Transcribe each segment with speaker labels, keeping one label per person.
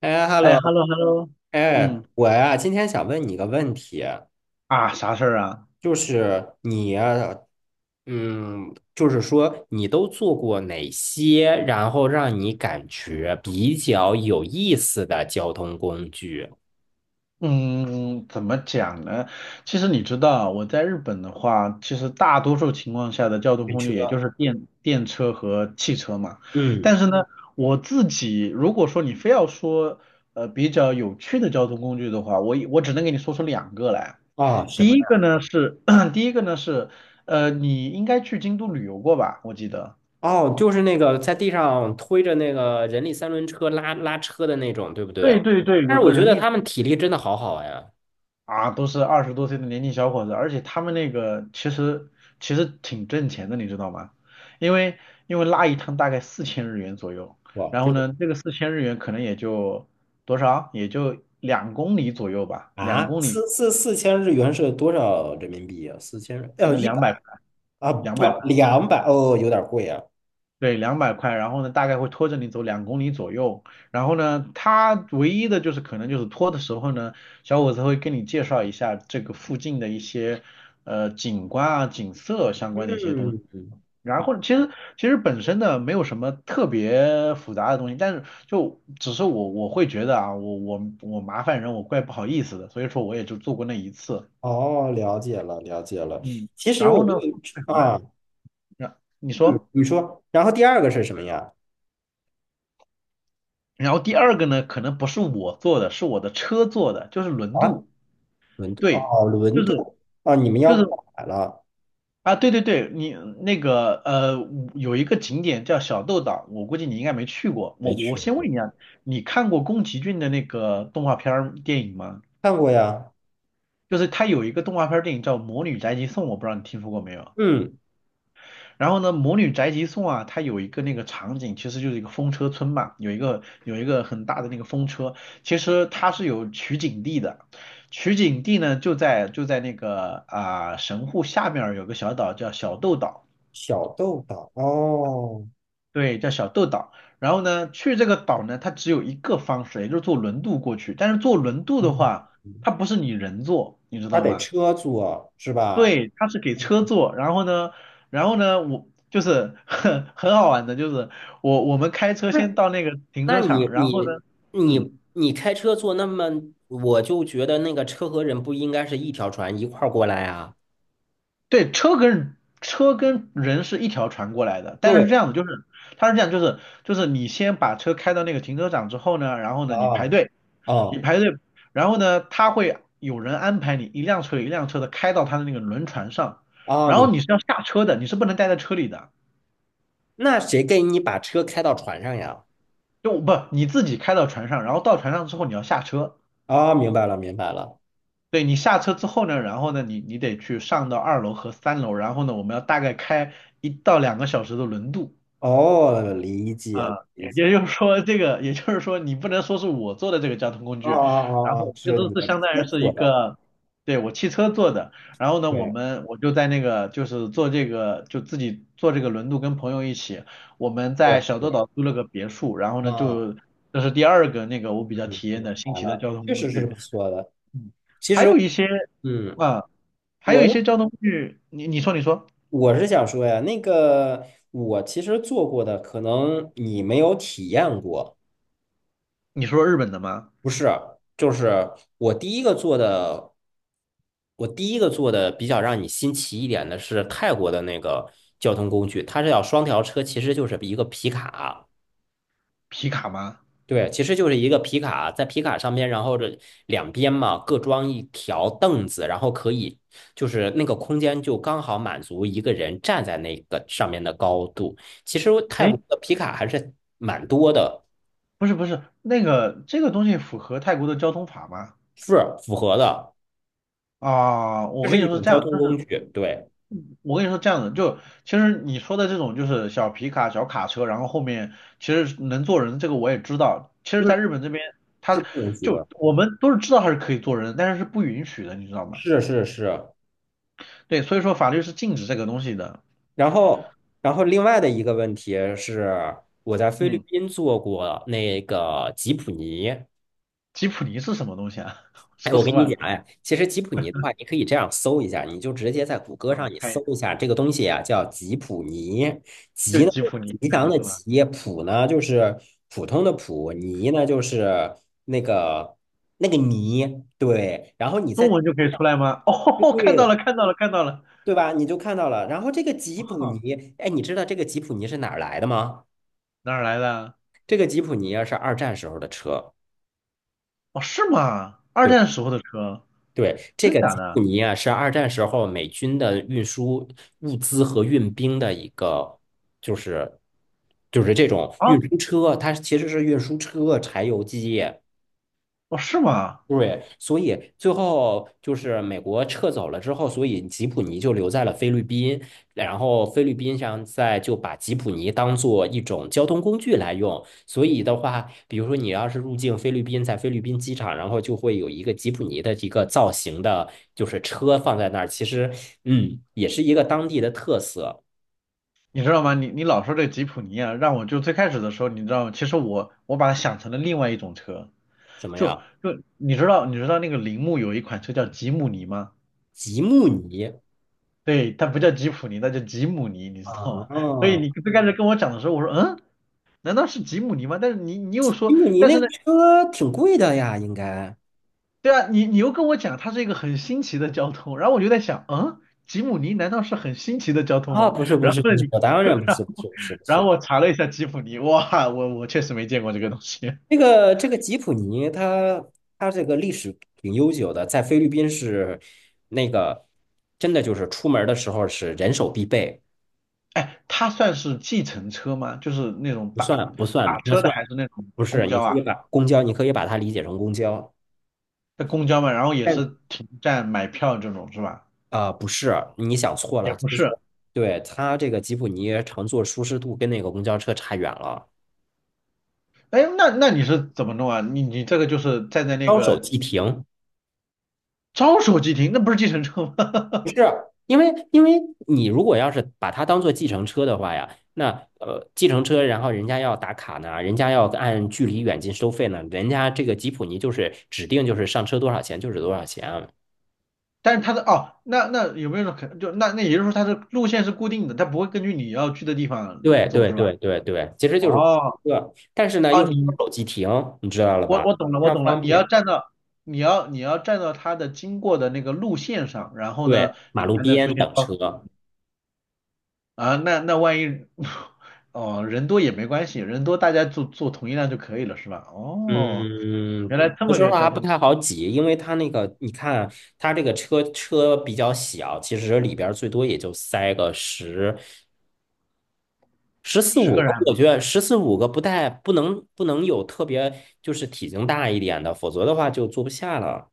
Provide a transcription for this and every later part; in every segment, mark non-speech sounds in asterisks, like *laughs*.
Speaker 1: 哎
Speaker 2: 哎
Speaker 1: ，hello，
Speaker 2: ，hello hello。
Speaker 1: 哎，
Speaker 2: 嗯。
Speaker 1: 我呀，今天想问你个问题，
Speaker 2: 啊，啥事儿啊？
Speaker 1: 就是你呀，就是说你都做过哪些，然后让你感觉比较有意思的交通工具？
Speaker 2: 嗯，怎么讲呢？其实你知道，我在日本的话，其实大多数情况下的交通
Speaker 1: 电
Speaker 2: 工具也就
Speaker 1: 车。
Speaker 2: 是电车和汽车嘛。
Speaker 1: 嗯。
Speaker 2: 但是呢，我自己如果说你非要说比较有趣的交通工具的话，我只能给你说出两个来。
Speaker 1: 哦，什
Speaker 2: 第
Speaker 1: 么
Speaker 2: 一个
Speaker 1: 呀？
Speaker 2: 呢是 *clears throat* 第一个呢是你应该去京都旅游过吧？我记得。
Speaker 1: 哦，就是那个在地上推着那个人力三轮车拉车的那种，对不
Speaker 2: 对
Speaker 1: 对？
Speaker 2: 对对，
Speaker 1: 但
Speaker 2: 有
Speaker 1: 是我
Speaker 2: 个
Speaker 1: 觉
Speaker 2: 人
Speaker 1: 得
Speaker 2: 力。
Speaker 1: 他们体力真的好好呀。
Speaker 2: 啊，都是20多岁的年轻小伙子，而且他们那个其实挺挣钱的，你知道吗？因为因为拉一趟大概四千日元左右。
Speaker 1: 哇，
Speaker 2: 然
Speaker 1: 这
Speaker 2: 后
Speaker 1: 个。
Speaker 2: 呢，这个四千日元可能也就多少，也就两公里左右吧，两
Speaker 1: 啊，
Speaker 2: 公里。
Speaker 1: 四千日元是多少人民币呀？四千，
Speaker 2: 那
Speaker 1: 一
Speaker 2: 两百
Speaker 1: 百啊，
Speaker 2: 两
Speaker 1: 不，
Speaker 2: 百块，
Speaker 1: 200哦，有点贵啊。
Speaker 2: 对，两百块。然后呢，大概会拖着你走两公里左右。然后呢，他唯一的就是可能就是拖的时候呢，小伙子会跟你介绍一下这个附近的一些景观啊、景色相关的一些东西。
Speaker 1: 嗯。
Speaker 2: 然后其实本身呢没有什么特别复杂的东西，但是就只是我会觉得啊，我麻烦人，我怪不好意思的，所以说我也就做过那一次。
Speaker 1: 哦，了解了，了解了。
Speaker 2: 嗯，
Speaker 1: 其实
Speaker 2: 然
Speaker 1: 我
Speaker 2: 后
Speaker 1: 你。
Speaker 2: 呢会很
Speaker 1: 啊，
Speaker 2: 慢。那你
Speaker 1: 嗯，
Speaker 2: 说，
Speaker 1: 你说，然后第二个是什么呀？
Speaker 2: 然后第二个呢，可能不是我做的，是我的车做的，就是轮
Speaker 1: 啊，
Speaker 2: 渡。
Speaker 1: 轮渡
Speaker 2: 对，
Speaker 1: 哦，
Speaker 2: 就
Speaker 1: 轮
Speaker 2: 是
Speaker 1: 渡。啊，你们
Speaker 2: 就
Speaker 1: 要
Speaker 2: 是
Speaker 1: 过海了？
Speaker 2: 啊，对对对，你那个有一个景点叫小豆岛，我估计你应该没去过，我
Speaker 1: 没
Speaker 2: 我
Speaker 1: 去
Speaker 2: 先
Speaker 1: 过。
Speaker 2: 问一下。你看过宫崎骏的那个动画片儿电影吗？
Speaker 1: 看过呀。
Speaker 2: 就是它有一个动画片儿电影叫《魔女宅急送》，我不知道你听说过没有。
Speaker 1: 嗯，
Speaker 2: 然后呢，《魔女宅急送》啊，它有一个那个场景，其实就是一个风车村嘛，有一个很大的那个风车，其实它是有取景地的，取景地呢就在那个啊、神户下面儿有个小岛叫小豆岛。
Speaker 1: 小豆岛哦。
Speaker 2: 对，叫小豆岛。然后呢，去这个岛呢，它只有一个方式，也就是坐轮渡过去。但是坐轮渡的
Speaker 1: 嗯，
Speaker 2: 话，它不是你人坐，你知
Speaker 1: 它
Speaker 2: 道
Speaker 1: 得
Speaker 2: 吗？
Speaker 1: 车坐是吧？
Speaker 2: 对，他是给
Speaker 1: 嗯。
Speaker 2: 车坐。然后呢，我就是很 *laughs* 很好玩的，就是我们开车先到那个停
Speaker 1: 那
Speaker 2: 车
Speaker 1: 你
Speaker 2: 场。然后呢。嗯，
Speaker 1: 开车坐那么，我就觉得那个车和人不应该是一条船一块儿过来啊。
Speaker 2: 对，车跟人是一条船过来的，但是是这
Speaker 1: 对，
Speaker 2: 样的，就是，他是这样，就是你先把车开到那个停车场之后呢，然后呢你排
Speaker 1: 啊
Speaker 2: 队，你
Speaker 1: 哦
Speaker 2: 排队，然后呢他会有人安排你一辆车一辆车的开到他的那个轮船上，
Speaker 1: 啊！
Speaker 2: 然后你是要下车的，你是不能待在车里的。
Speaker 1: 那谁给你把车开到船上呀？
Speaker 2: 就不你自己开到船上，然后到船上之后你要下车。
Speaker 1: 啊，明白了，明白了。
Speaker 2: 对，你下车之后呢，然后呢你得去上到2楼和3楼，然后呢我们要大概开1到2个小时的轮渡。
Speaker 1: 哦，理解了，
Speaker 2: 啊，
Speaker 1: 理
Speaker 2: 也
Speaker 1: 解
Speaker 2: 也
Speaker 1: 了。
Speaker 2: 就是说，这个也就是说，你不能说是我做的这个交通工
Speaker 1: 啊
Speaker 2: 具。
Speaker 1: 啊
Speaker 2: 然
Speaker 1: 啊啊！
Speaker 2: 后这
Speaker 1: 是
Speaker 2: 都
Speaker 1: 你
Speaker 2: 是
Speaker 1: 的车
Speaker 2: 相当于是一
Speaker 1: 做的。
Speaker 2: 个，对，我汽车做的。然后呢，我
Speaker 1: 对，
Speaker 2: 们我就在那个就是做这个就自己做这个轮渡，跟朋友一起，我们
Speaker 1: 是
Speaker 2: 在小豆
Speaker 1: 是。
Speaker 2: 岛租了个别墅。然后呢
Speaker 1: 啊，
Speaker 2: 就这是第二个那个我比较
Speaker 1: 嗯，
Speaker 2: 体验
Speaker 1: 明
Speaker 2: 的新
Speaker 1: 白
Speaker 2: 奇的
Speaker 1: 了，
Speaker 2: 交通
Speaker 1: 确
Speaker 2: 工
Speaker 1: 实是
Speaker 2: 具。
Speaker 1: 不错的。
Speaker 2: 嗯，
Speaker 1: 其
Speaker 2: 还
Speaker 1: 实。
Speaker 2: 有一些。
Speaker 1: 嗯
Speaker 2: 啊，还有
Speaker 1: 我
Speaker 2: 一
Speaker 1: 认
Speaker 2: 些交通工具，你你说你说
Speaker 1: 我是想说呀，那个我其实做过的，可能你没有体验过，
Speaker 2: 你说日本的吗？
Speaker 1: 不是？就是我第一个做的，我第一个做的比较让你新奇一点的是泰国的那个交通工具，它是要双条车，其实就是一个皮卡。
Speaker 2: 皮卡吗？
Speaker 1: 对，其实就是一个皮卡，在皮卡上面，然后这两边嘛各装一条凳子，然后可以就是那个空间就刚好满足一个人站在那个上面的高度。其实泰国
Speaker 2: 哎，
Speaker 1: 的皮卡还是蛮多的，
Speaker 2: 不是不是，那个这个东西符合泰国的交通法吗？
Speaker 1: 是符合的，
Speaker 2: 啊，
Speaker 1: 这
Speaker 2: 我
Speaker 1: 是
Speaker 2: 跟你
Speaker 1: 一
Speaker 2: 说是
Speaker 1: 种
Speaker 2: 这
Speaker 1: 交
Speaker 2: 样，
Speaker 1: 通
Speaker 2: 就
Speaker 1: 工
Speaker 2: 是
Speaker 1: 具，对，
Speaker 2: 我跟你说这样的，就其实你说的这种就是小皮卡、小卡车，然后后面其实能坐人，这个我也知道。其实，
Speaker 1: 嗯，
Speaker 2: 在日本这边，他
Speaker 1: 是不允许
Speaker 2: 就
Speaker 1: 的，
Speaker 2: 我们都是知道它是可以坐人，但是是不允许的，你知道吗？
Speaker 1: 是是是。
Speaker 2: 对，所以说法律是禁止这个东西的。
Speaker 1: 然后，另外的一个问题是，我在菲律
Speaker 2: 嗯，
Speaker 1: 宾做过那个吉普尼。
Speaker 2: 吉普尼是什么东西啊？*laughs*
Speaker 1: 哎，
Speaker 2: 说
Speaker 1: 我
Speaker 2: 实
Speaker 1: 跟
Speaker 2: 话，
Speaker 1: 你
Speaker 2: 啊，
Speaker 1: 讲，哎，其实吉普尼的话，你可以这样搜一下，你就直接在谷歌
Speaker 2: 我
Speaker 1: 上你
Speaker 2: 看一
Speaker 1: 搜
Speaker 2: 下。
Speaker 1: 一下这个东西啊，叫吉普尼。
Speaker 2: 就
Speaker 1: 吉呢
Speaker 2: 吉
Speaker 1: 就
Speaker 2: 普尼，
Speaker 1: 是吉
Speaker 2: 看
Speaker 1: 祥
Speaker 2: 你知
Speaker 1: 的
Speaker 2: 道吧？
Speaker 1: 吉，普呢就是普通的普，尼呢就是那个那个泥，对。然后你
Speaker 2: 中
Speaker 1: 再
Speaker 2: 文就可以出来吗？哦，*laughs* 看到
Speaker 1: 对。
Speaker 2: 了，看到了，看到了。
Speaker 1: 对吧，你就看到了。然后这个吉普尼，哎，你知道这个吉普尼是哪儿来的吗？
Speaker 2: *laughs* 哪儿来的啊？
Speaker 1: 这个吉普尼啊是二战时候的车。
Speaker 2: 哦，是吗？二
Speaker 1: 对。
Speaker 2: 战时候的车，
Speaker 1: 对，这
Speaker 2: 真
Speaker 1: 个
Speaker 2: 假
Speaker 1: 吉布
Speaker 2: 的
Speaker 1: 尼啊，是二战时候美军的运输物资和运兵的一个，就是就是这种运
Speaker 2: 啊？
Speaker 1: 输车，它其实是运输车、柴油机。
Speaker 2: 哦，是吗？
Speaker 1: 对，所以最后就是美国撤走了之后，所以吉普尼就留在了菲律宾，然后菲律宾上在就把吉普尼当做一种交通工具来用。所以的话，比如说你要是入境菲律宾，在菲律宾机场，然后就会有一个吉普尼的一个造型的，就是车放在那儿。其实，也是一个当地的特色。
Speaker 2: 你知道吗？你老说这吉普尼啊，让我就最开始的时候，你知道吗？其实我把它想成了另外一种车。
Speaker 1: 什么
Speaker 2: 就
Speaker 1: 呀？
Speaker 2: 就你知道那个铃木有一款车叫吉姆尼吗？
Speaker 1: 吉姆尼
Speaker 2: 对，它不叫吉普尼，它叫吉姆尼，你知道吗？所以
Speaker 1: 啊，
Speaker 2: 你最开始跟我讲的时候，我说嗯，难道是吉姆尼吗？但是你又
Speaker 1: 吉
Speaker 2: 说，
Speaker 1: 姆尼
Speaker 2: 但
Speaker 1: 那
Speaker 2: 是
Speaker 1: 个
Speaker 2: 呢，
Speaker 1: 车挺贵的呀，应该。
Speaker 2: 对啊，你又跟我讲它是一个很新奇的交通，然后我就在想，嗯，吉姆尼难道是很新奇的交通
Speaker 1: 啊，
Speaker 2: 吗？
Speaker 1: 不是不
Speaker 2: 然
Speaker 1: 是
Speaker 2: 后
Speaker 1: 不
Speaker 2: 呢
Speaker 1: 是，
Speaker 2: 你
Speaker 1: 我当
Speaker 2: *laughs*
Speaker 1: 然不是不是不是不
Speaker 2: 然后
Speaker 1: 是，
Speaker 2: 我查了一下吉普尼，哇，我确实没见过这个东西。
Speaker 1: 这个吉普尼它这个历史挺悠久的，在菲律宾是那个真的就是出门儿的时候是人手必备。
Speaker 2: *laughs* 哎，它算是计程车吗？就是那种
Speaker 1: 不
Speaker 2: 打
Speaker 1: 算不算
Speaker 2: 打
Speaker 1: 那
Speaker 2: 车的，
Speaker 1: 算。
Speaker 2: 还是那种
Speaker 1: 不
Speaker 2: 公
Speaker 1: 是，你
Speaker 2: 交
Speaker 1: 可
Speaker 2: 啊？
Speaker 1: 以把公交。你可以把它理解成公交，
Speaker 2: 那公交嘛，然后也是
Speaker 1: 但
Speaker 2: 停站买票这种是吧？
Speaker 1: 不是，你想错
Speaker 2: 也
Speaker 1: 了，
Speaker 2: 不
Speaker 1: 其实
Speaker 2: 是。
Speaker 1: 对它这个吉普尼乘坐舒适度跟那个公交车差远了，
Speaker 2: 哎，那你是怎么弄啊？你这个就是站在那
Speaker 1: 招手
Speaker 2: 个
Speaker 1: 即停。
Speaker 2: 招手即停，那不是计程车
Speaker 1: 不
Speaker 2: 吗？
Speaker 1: 是，
Speaker 2: *laughs*
Speaker 1: 因为因为你如果要是把它当做计程车的话呀，那，计程车，然后人家要打卡呢，人家要按距离远近收费呢，人家这个吉普尼就是指定就是上车多少钱就是多少钱啊。
Speaker 2: 但是它的哦，那有没有可能就那也就是说它的路线是固定的，它不会根据你要去的地方
Speaker 1: 对
Speaker 2: 走
Speaker 1: 对
Speaker 2: 是吧？
Speaker 1: 对对对，其实就是
Speaker 2: 哦
Speaker 1: 对，但是呢
Speaker 2: 哦，
Speaker 1: 又是双
Speaker 2: 你
Speaker 1: 手机停，你知道了
Speaker 2: 我
Speaker 1: 吧？
Speaker 2: 我懂了，
Speaker 1: 非
Speaker 2: 我
Speaker 1: 常
Speaker 2: 懂了。
Speaker 1: 方
Speaker 2: 你要
Speaker 1: 便。
Speaker 2: 站到，你要站到他的经过的那个路线上，然后
Speaker 1: 对，
Speaker 2: 呢，
Speaker 1: 马
Speaker 2: 你
Speaker 1: 路
Speaker 2: 才能出
Speaker 1: 边
Speaker 2: 现
Speaker 1: 等
Speaker 2: 超
Speaker 1: 车。
Speaker 2: 啊。那万一 *laughs* 哦，人多也没关系，人多大家坐坐同一辆就可以了，是吧？哦，
Speaker 1: 嗯，
Speaker 2: 原来
Speaker 1: 对
Speaker 2: 这
Speaker 1: 有
Speaker 2: 么
Speaker 1: 时候
Speaker 2: 个
Speaker 1: 还
Speaker 2: 交
Speaker 1: 不
Speaker 2: 通，
Speaker 1: 太好挤，因为它那个，你看它这个车比较小，其实里边儿最多也就塞个十十四
Speaker 2: 十
Speaker 1: 五
Speaker 2: 个人
Speaker 1: 个，
Speaker 2: 还不
Speaker 1: 我觉得十四五个不带不能有特别就是体型大一点的，否则的话就坐不下了。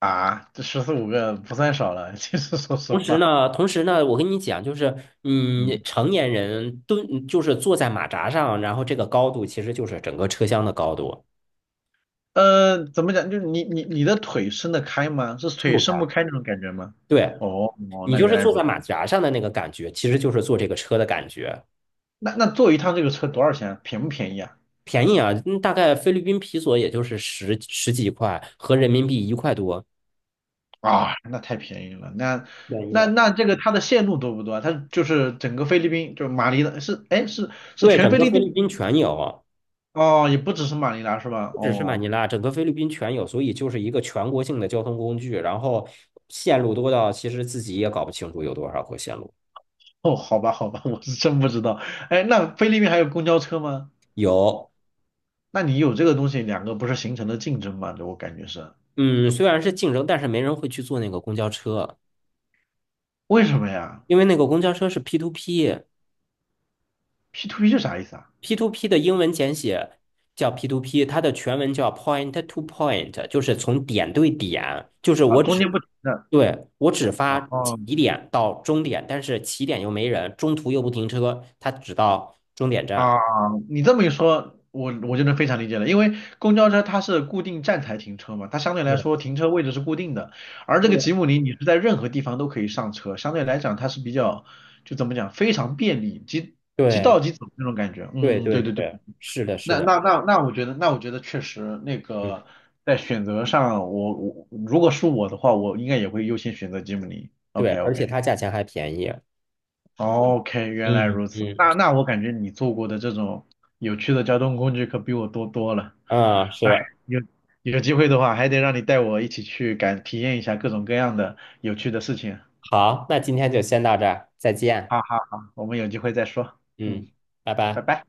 Speaker 2: 啊，这十四五个不算少了。其实说实
Speaker 1: 同时
Speaker 2: 话，
Speaker 1: 呢，同时呢，我跟你讲，就是
Speaker 2: 嗯，
Speaker 1: 成年人蹲就是坐在马扎上，然后这个高度其实就是整个车厢的高度，
Speaker 2: 怎么讲？就是你的腿伸得开吗？是
Speaker 1: 撑
Speaker 2: 腿
Speaker 1: 不开。
Speaker 2: 伸不开那种感觉吗？
Speaker 1: 对。
Speaker 2: 哦哦，
Speaker 1: 你
Speaker 2: 那
Speaker 1: 就
Speaker 2: 原
Speaker 1: 是
Speaker 2: 来
Speaker 1: 坐
Speaker 2: 如
Speaker 1: 在
Speaker 2: 此。
Speaker 1: 马甲上的那个感觉，其实就是坐这个车的感觉，
Speaker 2: 那坐一趟这个车多少钱啊便不便宜啊？
Speaker 1: 便宜啊，大概菲律宾皮索也就是十几块，合人民币一块多，
Speaker 2: 啊，那太便宜了。那
Speaker 1: 便宜
Speaker 2: 那
Speaker 1: 的。
Speaker 2: 那这个它的线路多不多啊？它就是整个菲律宾，就是马尼拉是，哎是
Speaker 1: 对，
Speaker 2: 全
Speaker 1: 整
Speaker 2: 菲
Speaker 1: 个
Speaker 2: 律
Speaker 1: 菲律
Speaker 2: 宾
Speaker 1: 宾全有，
Speaker 2: 哦，也不只是马尼拉是吧？
Speaker 1: 不只是马
Speaker 2: 哦
Speaker 1: 尼拉，整个菲律宾全有，所以就是一个全国性的交通工具。然后线路多到其实自己也搞不清楚有多少个线路。
Speaker 2: 哦，好吧好吧，我是真不知道。哎，那菲律宾还有公交车吗？
Speaker 1: 有。
Speaker 2: 那你有这个东西，两个不是形成了竞争吗？这我感觉是
Speaker 1: 嗯，虽然是竞争，但是没人会去坐那个公交车，
Speaker 2: 为什么呀
Speaker 1: 因为那个公交车是 P to P。
Speaker 2: ？P to P 是啥意思啊？
Speaker 1: p to p 的英文简写叫 p to p， 它的全文叫 Point to Point，就是从点对点，就是
Speaker 2: 啊，
Speaker 1: 我
Speaker 2: 中
Speaker 1: 只，
Speaker 2: 间不停的。
Speaker 1: 对，我只发
Speaker 2: 哦。
Speaker 1: 起点到终点，但是起点又没人，中途又不停车，它只到终点
Speaker 2: 啊，
Speaker 1: 站。
Speaker 2: 你这么一说，我就能非常理解了，因为公交车它是固定站台停车嘛，它相对来说停车位置是固定的，而这个
Speaker 1: 对
Speaker 2: 吉姆尼你是在任何地方都可以上车，相对来讲它是比较，就怎么讲，非常便利，即即
Speaker 1: 对
Speaker 2: 到即走那种感觉。
Speaker 1: 对
Speaker 2: 嗯，
Speaker 1: 对
Speaker 2: 对对
Speaker 1: 对
Speaker 2: 对，
Speaker 1: 对，是的，是
Speaker 2: 那
Speaker 1: 的，
Speaker 2: 那那那我觉得，那我觉得确实那
Speaker 1: 嗯，
Speaker 2: 个在选择上，我如果是我的话，我应该也会优先选择吉姆尼。
Speaker 1: 对，
Speaker 2: OK
Speaker 1: 而且
Speaker 2: OK。
Speaker 1: 它价钱还便宜。
Speaker 2: OK，原来
Speaker 1: 嗯
Speaker 2: 如此。
Speaker 1: 嗯
Speaker 2: 那我感觉你做过的这种有趣的交通工具可比我多多了。
Speaker 1: 嗯，
Speaker 2: 哎，
Speaker 1: 是，
Speaker 2: 有有机会的话，还得让你带我一起去体验一下各种各样的有趣的事情。
Speaker 1: 好，那今天就先到这儿，再见。
Speaker 2: 好好好，我们有机会再说。嗯，
Speaker 1: 嗯，拜
Speaker 2: 拜
Speaker 1: 拜。
Speaker 2: 拜。